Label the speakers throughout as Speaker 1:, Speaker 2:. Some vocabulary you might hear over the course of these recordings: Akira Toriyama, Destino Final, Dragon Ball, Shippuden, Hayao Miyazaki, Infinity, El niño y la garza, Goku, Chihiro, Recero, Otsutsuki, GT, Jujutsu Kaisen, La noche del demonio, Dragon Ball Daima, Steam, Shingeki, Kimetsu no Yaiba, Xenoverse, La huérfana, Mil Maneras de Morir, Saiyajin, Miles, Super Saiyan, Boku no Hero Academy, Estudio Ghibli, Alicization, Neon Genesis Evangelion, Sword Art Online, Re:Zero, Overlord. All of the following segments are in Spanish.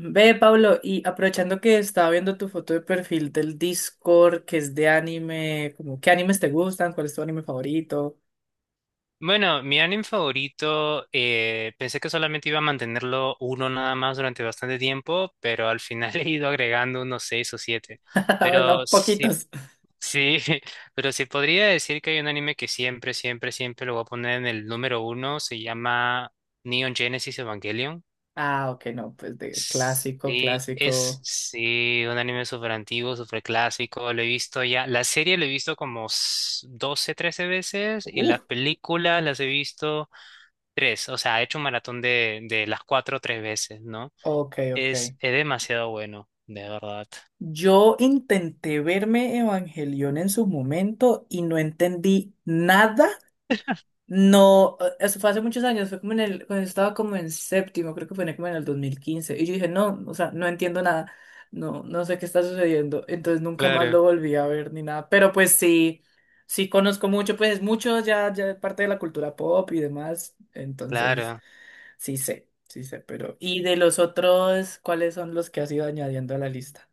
Speaker 1: Ve, Pablo, y aprovechando que estaba viendo tu foto de perfil del Discord, que es de anime, como, ¿qué animes te gustan? ¿Cuál es tu anime favorito?
Speaker 2: Bueno, mi anime favorito, pensé que solamente iba a mantenerlo uno nada más durante bastante tiempo, pero al final he ido agregando unos seis o siete.
Speaker 1: No,
Speaker 2: Pero sí,
Speaker 1: poquitos.
Speaker 2: sí, pero sí podría decir que hay un anime que siempre, siempre, siempre lo voy a poner en el número uno, se llama Neon Genesis Evangelion.
Speaker 1: Ah, ok, no, pues de clásico,
Speaker 2: Sí, es
Speaker 1: clásico.
Speaker 2: sí, un anime súper antiguo, súper clásico. Lo he visto ya. La serie lo he visto como 12, 13 veces y
Speaker 1: Uf,
Speaker 2: las películas las he visto. Tres, o sea, he hecho un maratón de las cuatro tres veces, ¿no?
Speaker 1: ok, ok.
Speaker 2: Es demasiado bueno, de verdad.
Speaker 1: Yo intenté verme Evangelion en su momento y no entendí nada. No, eso fue hace muchos años, fue como en el, cuando estaba como en séptimo, creo que fue como en el 2015 y yo dije, no, o sea, no entiendo nada, no, no sé qué está sucediendo, entonces nunca más
Speaker 2: Claro.
Speaker 1: lo volví a ver ni nada, pero pues sí, sí conozco mucho, pues es mucho ya, ya de parte de la cultura pop y demás, entonces
Speaker 2: Claro.
Speaker 1: sí sé, pero, y de los otros, ¿cuáles son los que has ido añadiendo a la lista?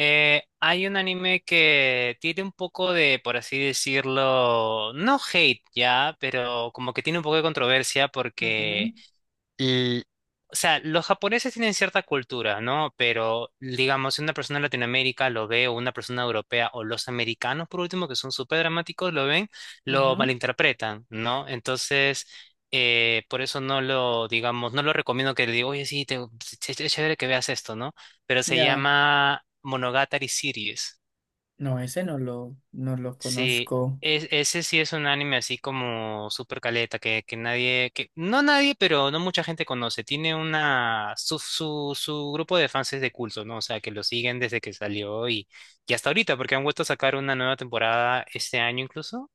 Speaker 2: Hay un anime que tiene un poco de, por así decirlo, no hate ya, pero como que tiene un poco de controversia
Speaker 1: Ujú,
Speaker 2: porque l- o sea, los japoneses tienen cierta cultura, ¿no? Pero, digamos, si una persona de Latinoamérica lo ve, o una persona europea, o los americanos, por último, que son súper dramáticos, lo ven, lo
Speaker 1: ujú.
Speaker 2: malinterpretan, ¿no? Entonces, por eso no lo, digamos, no lo recomiendo que le diga, oye, sí, te, es chévere que veas esto, ¿no? Pero se
Speaker 1: Ya,
Speaker 2: llama Monogatari Series.
Speaker 1: no, ese no lo
Speaker 2: Sí,
Speaker 1: conozco.
Speaker 2: ese sí es un anime así como super caleta, que nadie, que no nadie, pero no mucha gente conoce. Tiene una, su grupo de fans es de culto, ¿no? O sea, que lo siguen desde que salió y hasta ahorita, porque han vuelto a sacar una nueva temporada este año incluso,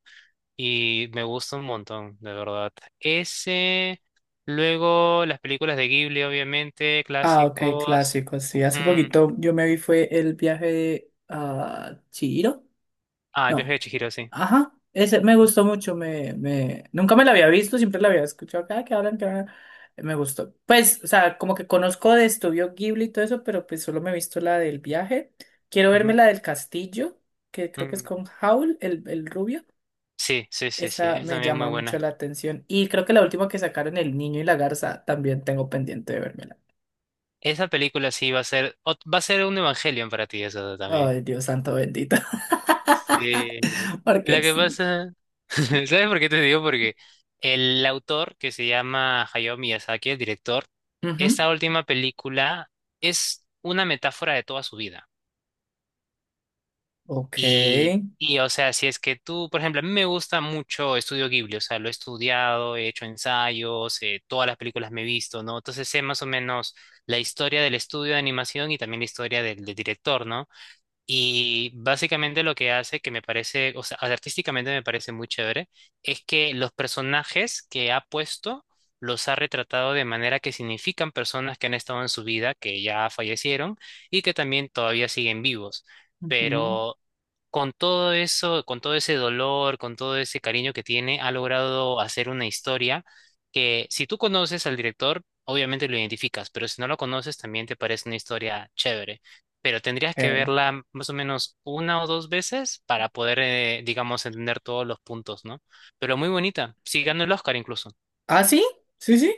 Speaker 2: y me gusta un montón, de verdad. Ese, luego las películas de Ghibli, obviamente,
Speaker 1: Ah, ok,
Speaker 2: clásicos.
Speaker 1: clásico, sí. Hace
Speaker 2: Mm,
Speaker 1: poquito yo me vi fue el viaje a Chihiro.
Speaker 2: ah, El
Speaker 1: No.
Speaker 2: viaje de Chihiro, sí.
Speaker 1: Ajá. Ese me gustó mucho. Nunca me la había visto, siempre la había escuchado. Cada que hablan, que hablan. Me gustó. Pues, o sea, como que conozco de Estudio Ghibli y todo eso, pero pues solo me he visto la del viaje. Quiero verme
Speaker 2: Ujú.
Speaker 1: la del castillo, que creo que es
Speaker 2: Mm,
Speaker 1: con Howl, el rubio.
Speaker 2: sí, sí, sí, sí,
Speaker 1: Esa
Speaker 2: esa
Speaker 1: me
Speaker 2: también es muy
Speaker 1: llama mucho
Speaker 2: buena.
Speaker 1: la atención. Y creo que la última que sacaron, El niño y la garza, también tengo pendiente de vérmela.
Speaker 2: Esa película sí va a ser, va a ser un Evangelion para ti, eso también.
Speaker 1: Ay, Dios santo bendito.
Speaker 2: Sí.
Speaker 1: Porque
Speaker 2: La
Speaker 1: es...
Speaker 2: que pasa, ¿sabes por qué te digo? Porque el autor, que se llama Hayao Miyazaki, el director,
Speaker 1: Ujú.
Speaker 2: esta última película es una metáfora de toda su vida.
Speaker 1: Ok.
Speaker 2: Y, o sea, si es que tú, por ejemplo, a mí me gusta mucho Estudio Ghibli, o sea, lo he estudiado, he hecho ensayos, todas las películas me he visto, ¿no? Entonces sé más o menos la historia del estudio de animación y también la historia del director, ¿no? Y básicamente lo que hace, que me parece, o sea, artísticamente me parece muy chévere, es que los personajes que ha puesto los ha retratado de manera que significan personas que han estado en su vida, que ya fallecieron y que también todavía siguen vivos.
Speaker 1: Ujú.
Speaker 2: Pero con todo eso, con todo ese dolor, con todo ese cariño que tiene, ha logrado hacer una historia que si tú conoces al director, obviamente lo identificas, pero si no lo conoces, también te parece una historia chévere. Pero tendrías que
Speaker 1: Ok.
Speaker 2: verla más o menos una o dos veces para poder, digamos, entender todos los puntos, ¿no? Pero muy bonita. Sí, ganó el Oscar incluso.
Speaker 1: Ah, sí, sí, sí.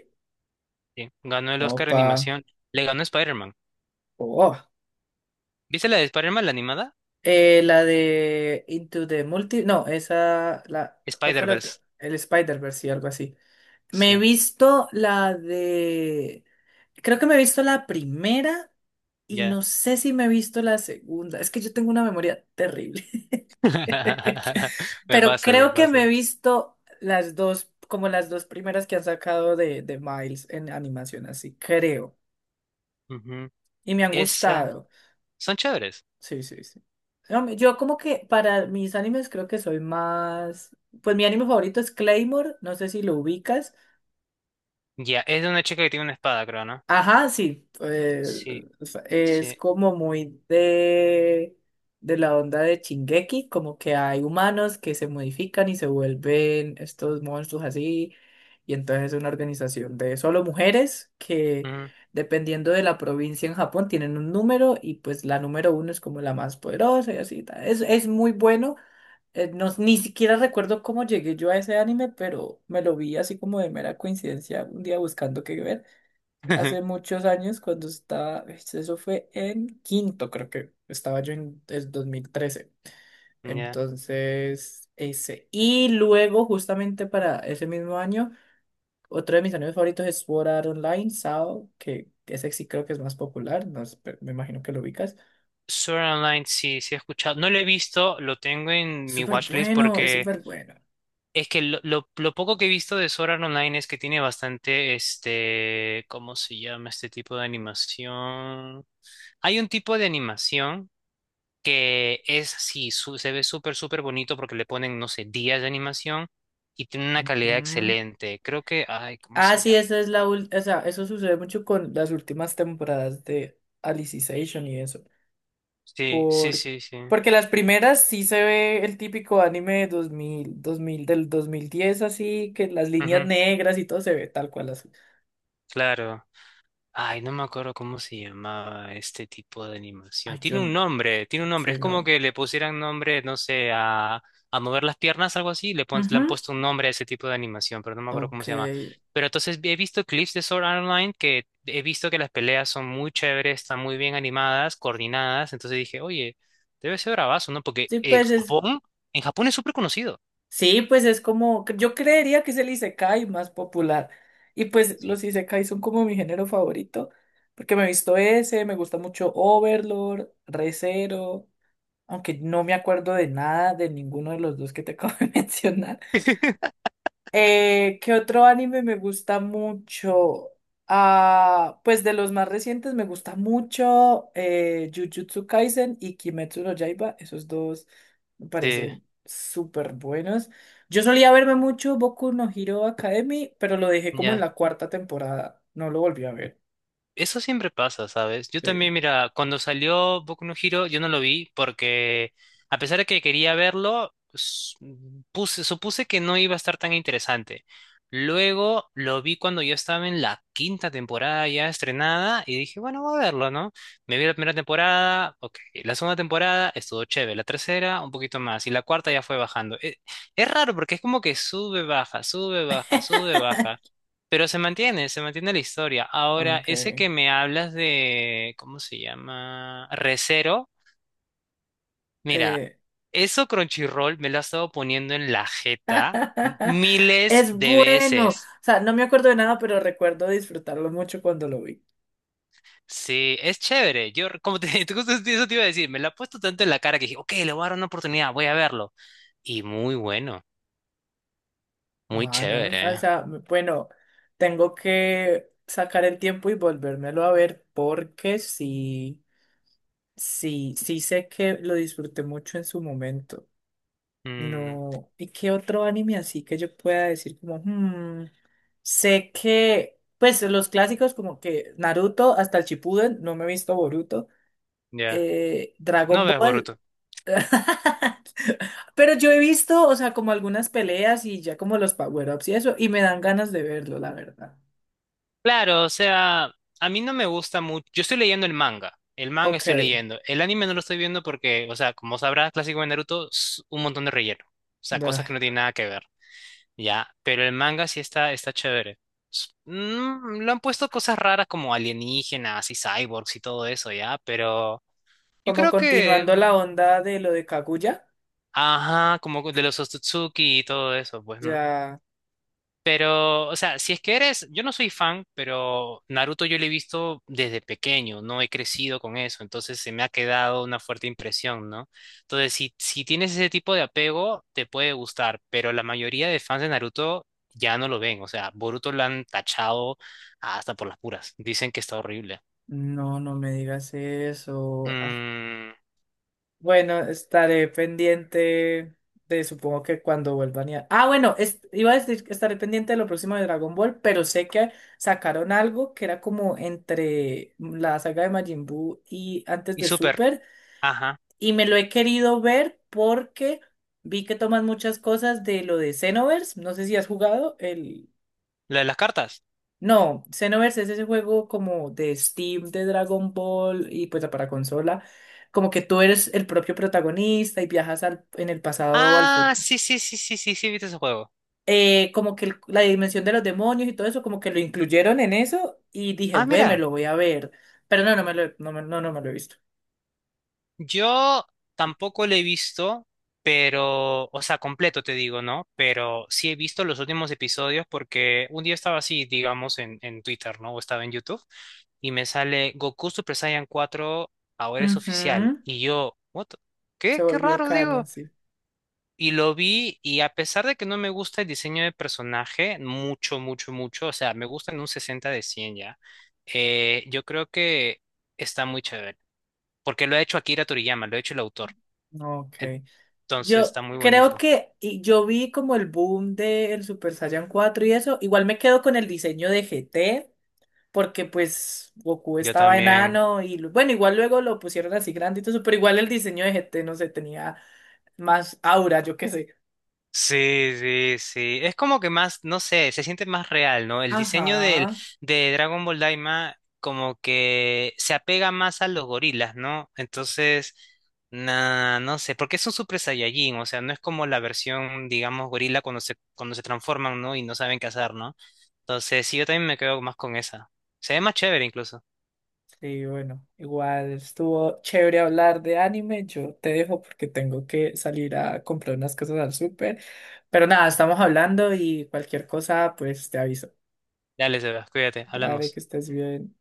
Speaker 2: Sí, ganó el Oscar de
Speaker 1: Opa.
Speaker 2: animación. Le ganó Spider-Man.
Speaker 1: Oh.
Speaker 2: ¿Viste la de Spider-Man, la animada?
Speaker 1: La de Into the Multi. No, esa. La... ¿Cuál fue la última?
Speaker 2: Spider-Verse.
Speaker 1: El Spider-Verse y algo así. Me he
Speaker 2: Sí,
Speaker 1: visto la de. Creo que me he visto la primera y
Speaker 2: ya.
Speaker 1: no sé si me he visto la segunda. Es que yo tengo una memoria terrible.
Speaker 2: Me
Speaker 1: Pero
Speaker 2: pasa, me
Speaker 1: creo que me he
Speaker 2: pasa.
Speaker 1: visto las dos, como las dos primeras que han sacado de, Miles en animación, así creo.
Speaker 2: Ujú.
Speaker 1: Y me han
Speaker 2: Esa.
Speaker 1: gustado.
Speaker 2: Son chéveres.
Speaker 1: Sí, sí, sí. No, yo como que para mis animes creo que soy más... Pues mi anime favorito es Claymore, no sé si lo ubicas.
Speaker 2: Ya, es de una chica que tiene una espada, creo, ¿no?
Speaker 1: Ajá, sí,
Speaker 2: Sí,
Speaker 1: es
Speaker 2: sí.
Speaker 1: como muy de la onda de Shingeki, como que hay humanos que se modifican y se vuelven estos monstruos así, y entonces es una organización de solo mujeres que
Speaker 2: Ujú.
Speaker 1: dependiendo de la provincia en Japón tienen un número y pues la número uno es como la más poderosa y así, ta. Es muy bueno, no, ni siquiera recuerdo cómo llegué yo a ese anime, pero me lo vi así como de mera coincidencia un día buscando qué ver hace muchos años cuando estaba, eso fue en quinto, creo que estaba yo en el 2013.
Speaker 2: Ya.
Speaker 1: Entonces, ese. Y luego, justamente para ese mismo año, otro de mis animes favoritos es Sword Art Online, SAO, que ese sí creo que es más popular, no sé, pero me imagino que lo ubicas.
Speaker 2: Sword Art Online, sí, sí he escuchado. No lo he visto, lo tengo en mi
Speaker 1: Súper
Speaker 2: watchlist
Speaker 1: bueno, es
Speaker 2: porque
Speaker 1: súper bueno.
Speaker 2: es que lo poco que he visto de Sword Art Online es que tiene bastante, este, ¿cómo se llama este tipo de animación? Hay un tipo de animación que es sí se ve súper, súper bonito porque le ponen, no sé, días de animación y tiene una calidad
Speaker 1: Ujú.
Speaker 2: excelente. Creo que, ay, ¿cómo
Speaker 1: Ah,
Speaker 2: se
Speaker 1: sí,
Speaker 2: llama?
Speaker 1: esa es la o sea, eso sucede mucho con las últimas temporadas de Alicization y eso.
Speaker 2: Sí, sí,
Speaker 1: Por,
Speaker 2: sí, sí.
Speaker 1: Porque las primeras sí se ve el típico anime de 2000 2000 del 2010 así que las líneas
Speaker 2: Ujú,
Speaker 1: negras y todo se ve tal cual así.
Speaker 2: claro. Ay, no me acuerdo cómo se llamaba este tipo de animación.
Speaker 1: Ay, yo
Speaker 2: Tiene un
Speaker 1: no,
Speaker 2: nombre, tiene un nombre.
Speaker 1: sí,
Speaker 2: Es como
Speaker 1: no.
Speaker 2: que le pusieran nombre, no sé, a mover las piernas, algo así. Le, le
Speaker 1: Ujú.
Speaker 2: han puesto un nombre a ese tipo de animación, pero no me acuerdo cómo
Speaker 1: Ok.
Speaker 2: se llama. Pero entonces he visto clips de Sword Art Online que he visto que las peleas son muy chéveres, están muy bien animadas, coordinadas. Entonces dije, oye, debe ser bravazo, ¿no? Porque
Speaker 1: Sí, pues es,
Speaker 2: En Japón es súper conocido.
Speaker 1: sí, pues es como, yo creería que es el isekai más popular. Y pues
Speaker 2: Sí.
Speaker 1: los isekai son como mi género favorito, porque me he visto ese, me gusta mucho Overlord, Re:Zero, aunque no me acuerdo de nada de ninguno de los dos que te acabo de mencionar. ¿Qué otro anime me gusta mucho? Ah, pues de los más recientes me gusta mucho, Jujutsu Kaisen y Kimetsu no Yaiba. Esos dos me
Speaker 2: Sí,
Speaker 1: parecen súper buenos. Yo solía verme mucho Boku no Hero Academy, pero lo dejé como en
Speaker 2: ya.
Speaker 1: la cuarta temporada. No lo volví a ver.
Speaker 2: Eso siempre pasa, ¿sabes? Yo
Speaker 1: Sí.
Speaker 2: también, mira, cuando salió Boku no Hero, yo no lo vi porque, a pesar de que quería verlo, supuse que no iba a estar tan interesante. Luego lo vi cuando yo estaba en la quinta temporada ya estrenada y dije, bueno, voy a verlo, ¿no? Me vi la primera temporada, ok. La segunda temporada estuvo chévere, la tercera un poquito más y la cuarta ya fue bajando. Es, raro porque es como que sube, baja, sube, baja, sube, baja. Pero se mantiene la historia. Ahora,
Speaker 1: Ok.
Speaker 2: ese que me hablas de, ¿cómo se llama? Recero. Mira,
Speaker 1: Eh,
Speaker 2: eso Crunchyroll me lo ha estado poniendo en la jeta miles
Speaker 1: Es
Speaker 2: de
Speaker 1: bueno. O
Speaker 2: veces.
Speaker 1: sea, no me acuerdo de nada, pero recuerdo disfrutarlo mucho cuando lo vi.
Speaker 2: Sí, es chévere. Yo, como te, justo eso te iba a decir, me lo ha puesto tanto en la cara que dije, ok, le voy a dar una oportunidad, voy a verlo. Y muy bueno, muy
Speaker 1: Ah, no, o
Speaker 2: chévere.
Speaker 1: sea, bueno, tengo que sacar el tiempo y volvérmelo a ver porque sí, sí, sí sé que lo disfruté mucho en su momento.
Speaker 2: Mm,
Speaker 1: No, ¿y qué otro anime así que yo pueda decir como, sé que, pues los clásicos como que Naruto hasta el Shippuden, no me he visto Boruto,
Speaker 2: ya. No
Speaker 1: Dragon
Speaker 2: veas
Speaker 1: Ball.
Speaker 2: Boruto.
Speaker 1: Pero yo he visto, o sea, como algunas peleas y ya como los power-ups y eso, y me dan ganas de verlo, la verdad.
Speaker 2: Claro, o sea, a mí no me gusta mucho. Yo estoy leyendo el manga. El manga
Speaker 1: Ok,
Speaker 2: estoy leyendo. El anime no lo estoy viendo porque, o sea, como sabrás, clásico de Naruto, es un montón de relleno. O sea,
Speaker 1: da.
Speaker 2: cosas que no tienen nada que ver. Ya, pero el manga sí está, está chévere. Lo han puesto cosas raras como alienígenas y cyborgs y todo eso, ya, pero yo
Speaker 1: Como
Speaker 2: creo que,
Speaker 1: continuando la onda de lo de Kaguya.
Speaker 2: ajá, como de los Otsutsuki y todo eso, pues, ¿no?
Speaker 1: Ya.
Speaker 2: Pero, o sea, si es que eres, yo no soy fan, pero Naruto yo lo he visto desde pequeño, no he crecido con eso, entonces se me ha quedado una fuerte impresión, ¿no? Entonces, si, si tienes ese tipo de apego, te puede gustar, pero la mayoría de fans de Naruto ya no lo ven, o sea, Boruto lo han tachado hasta por las puras, dicen que está horrible.
Speaker 1: No, no me digas eso. Ah,
Speaker 2: Mm,
Speaker 1: bueno, estaré pendiente de, supongo que cuando vuelvan a... Ah, bueno, iba a decir que estaré pendiente de lo próximo de Dragon Ball, pero sé que sacaron algo que era como entre la saga de Majin Buu y antes
Speaker 2: y
Speaker 1: de
Speaker 2: Super,
Speaker 1: Super,
Speaker 2: ajá,
Speaker 1: y me lo he querido ver porque vi que toman muchas cosas de lo de Xenoverse, no sé si has jugado el...
Speaker 2: la de las cartas.
Speaker 1: No, Xenoverse es ese juego como de Steam, de Dragon Ball y pues para consola. Como que tú eres el propio protagonista y viajas en el pasado o al futuro.
Speaker 2: Ah, sí, sí, sí, sí, sí, sí, viste ese juego.
Speaker 1: Como que la dimensión de los demonios y todo eso, como que lo incluyeron en eso y dije,
Speaker 2: Ah,
Speaker 1: bueno, me
Speaker 2: mira.
Speaker 1: lo voy a ver. Pero no, no me lo, no, no, no me lo he visto.
Speaker 2: Yo tampoco lo he visto, pero, o sea, completo te digo, ¿no? Pero sí he visto los últimos episodios porque un día estaba así, digamos, en Twitter, ¿no? O estaba en YouTube y me sale Goku Super Saiyan 4 ahora es oficial.
Speaker 1: Ujú.
Speaker 2: Y yo, what? ¿Qué?
Speaker 1: Se
Speaker 2: Qué
Speaker 1: volvió
Speaker 2: raro,
Speaker 1: canon,
Speaker 2: digo.
Speaker 1: sí.
Speaker 2: Y lo vi y a pesar de que no me gusta el diseño de personaje, mucho, mucho, mucho, o sea, me gusta en un 60 de 100 ya, yo creo que está muy chévere. Porque lo ha hecho Akira Toriyama, lo ha hecho el autor.
Speaker 1: No. Ok.
Speaker 2: Entonces
Speaker 1: Yo
Speaker 2: está muy
Speaker 1: creo
Speaker 2: bonito.
Speaker 1: que y yo vi como el boom del Super Saiyan 4 y eso. Igual me quedo con el diseño de GT, porque pues Goku
Speaker 2: Yo
Speaker 1: estaba
Speaker 2: también.
Speaker 1: enano y bueno, igual luego lo pusieron así grande y todo eso, pero igual el diseño de GT no sé, tenía más aura, yo qué sé.
Speaker 2: Sí, sí, sí. Es como que más, no sé, se siente más real, ¿no? El diseño del,
Speaker 1: Ajá.
Speaker 2: de Dragon Ball Daima como que se apega más a los gorilas, ¿no? Entonces, nah, no sé, porque es un Super Saiyajin, o sea, no es como la versión, digamos, gorila cuando cuando se transforman, ¿no? Y no saben qué hacer, ¿no? Entonces, sí, yo también me quedo más con esa. Se ve más chévere incluso.
Speaker 1: Sí, bueno, igual estuvo chévere hablar de anime. Yo te dejo porque tengo que salir a comprar unas cosas al súper. Pero nada, estamos hablando y cualquier cosa, pues te aviso.
Speaker 2: Dale, Sebas, cuídate,
Speaker 1: Dale, que
Speaker 2: hablamos.
Speaker 1: estés bien.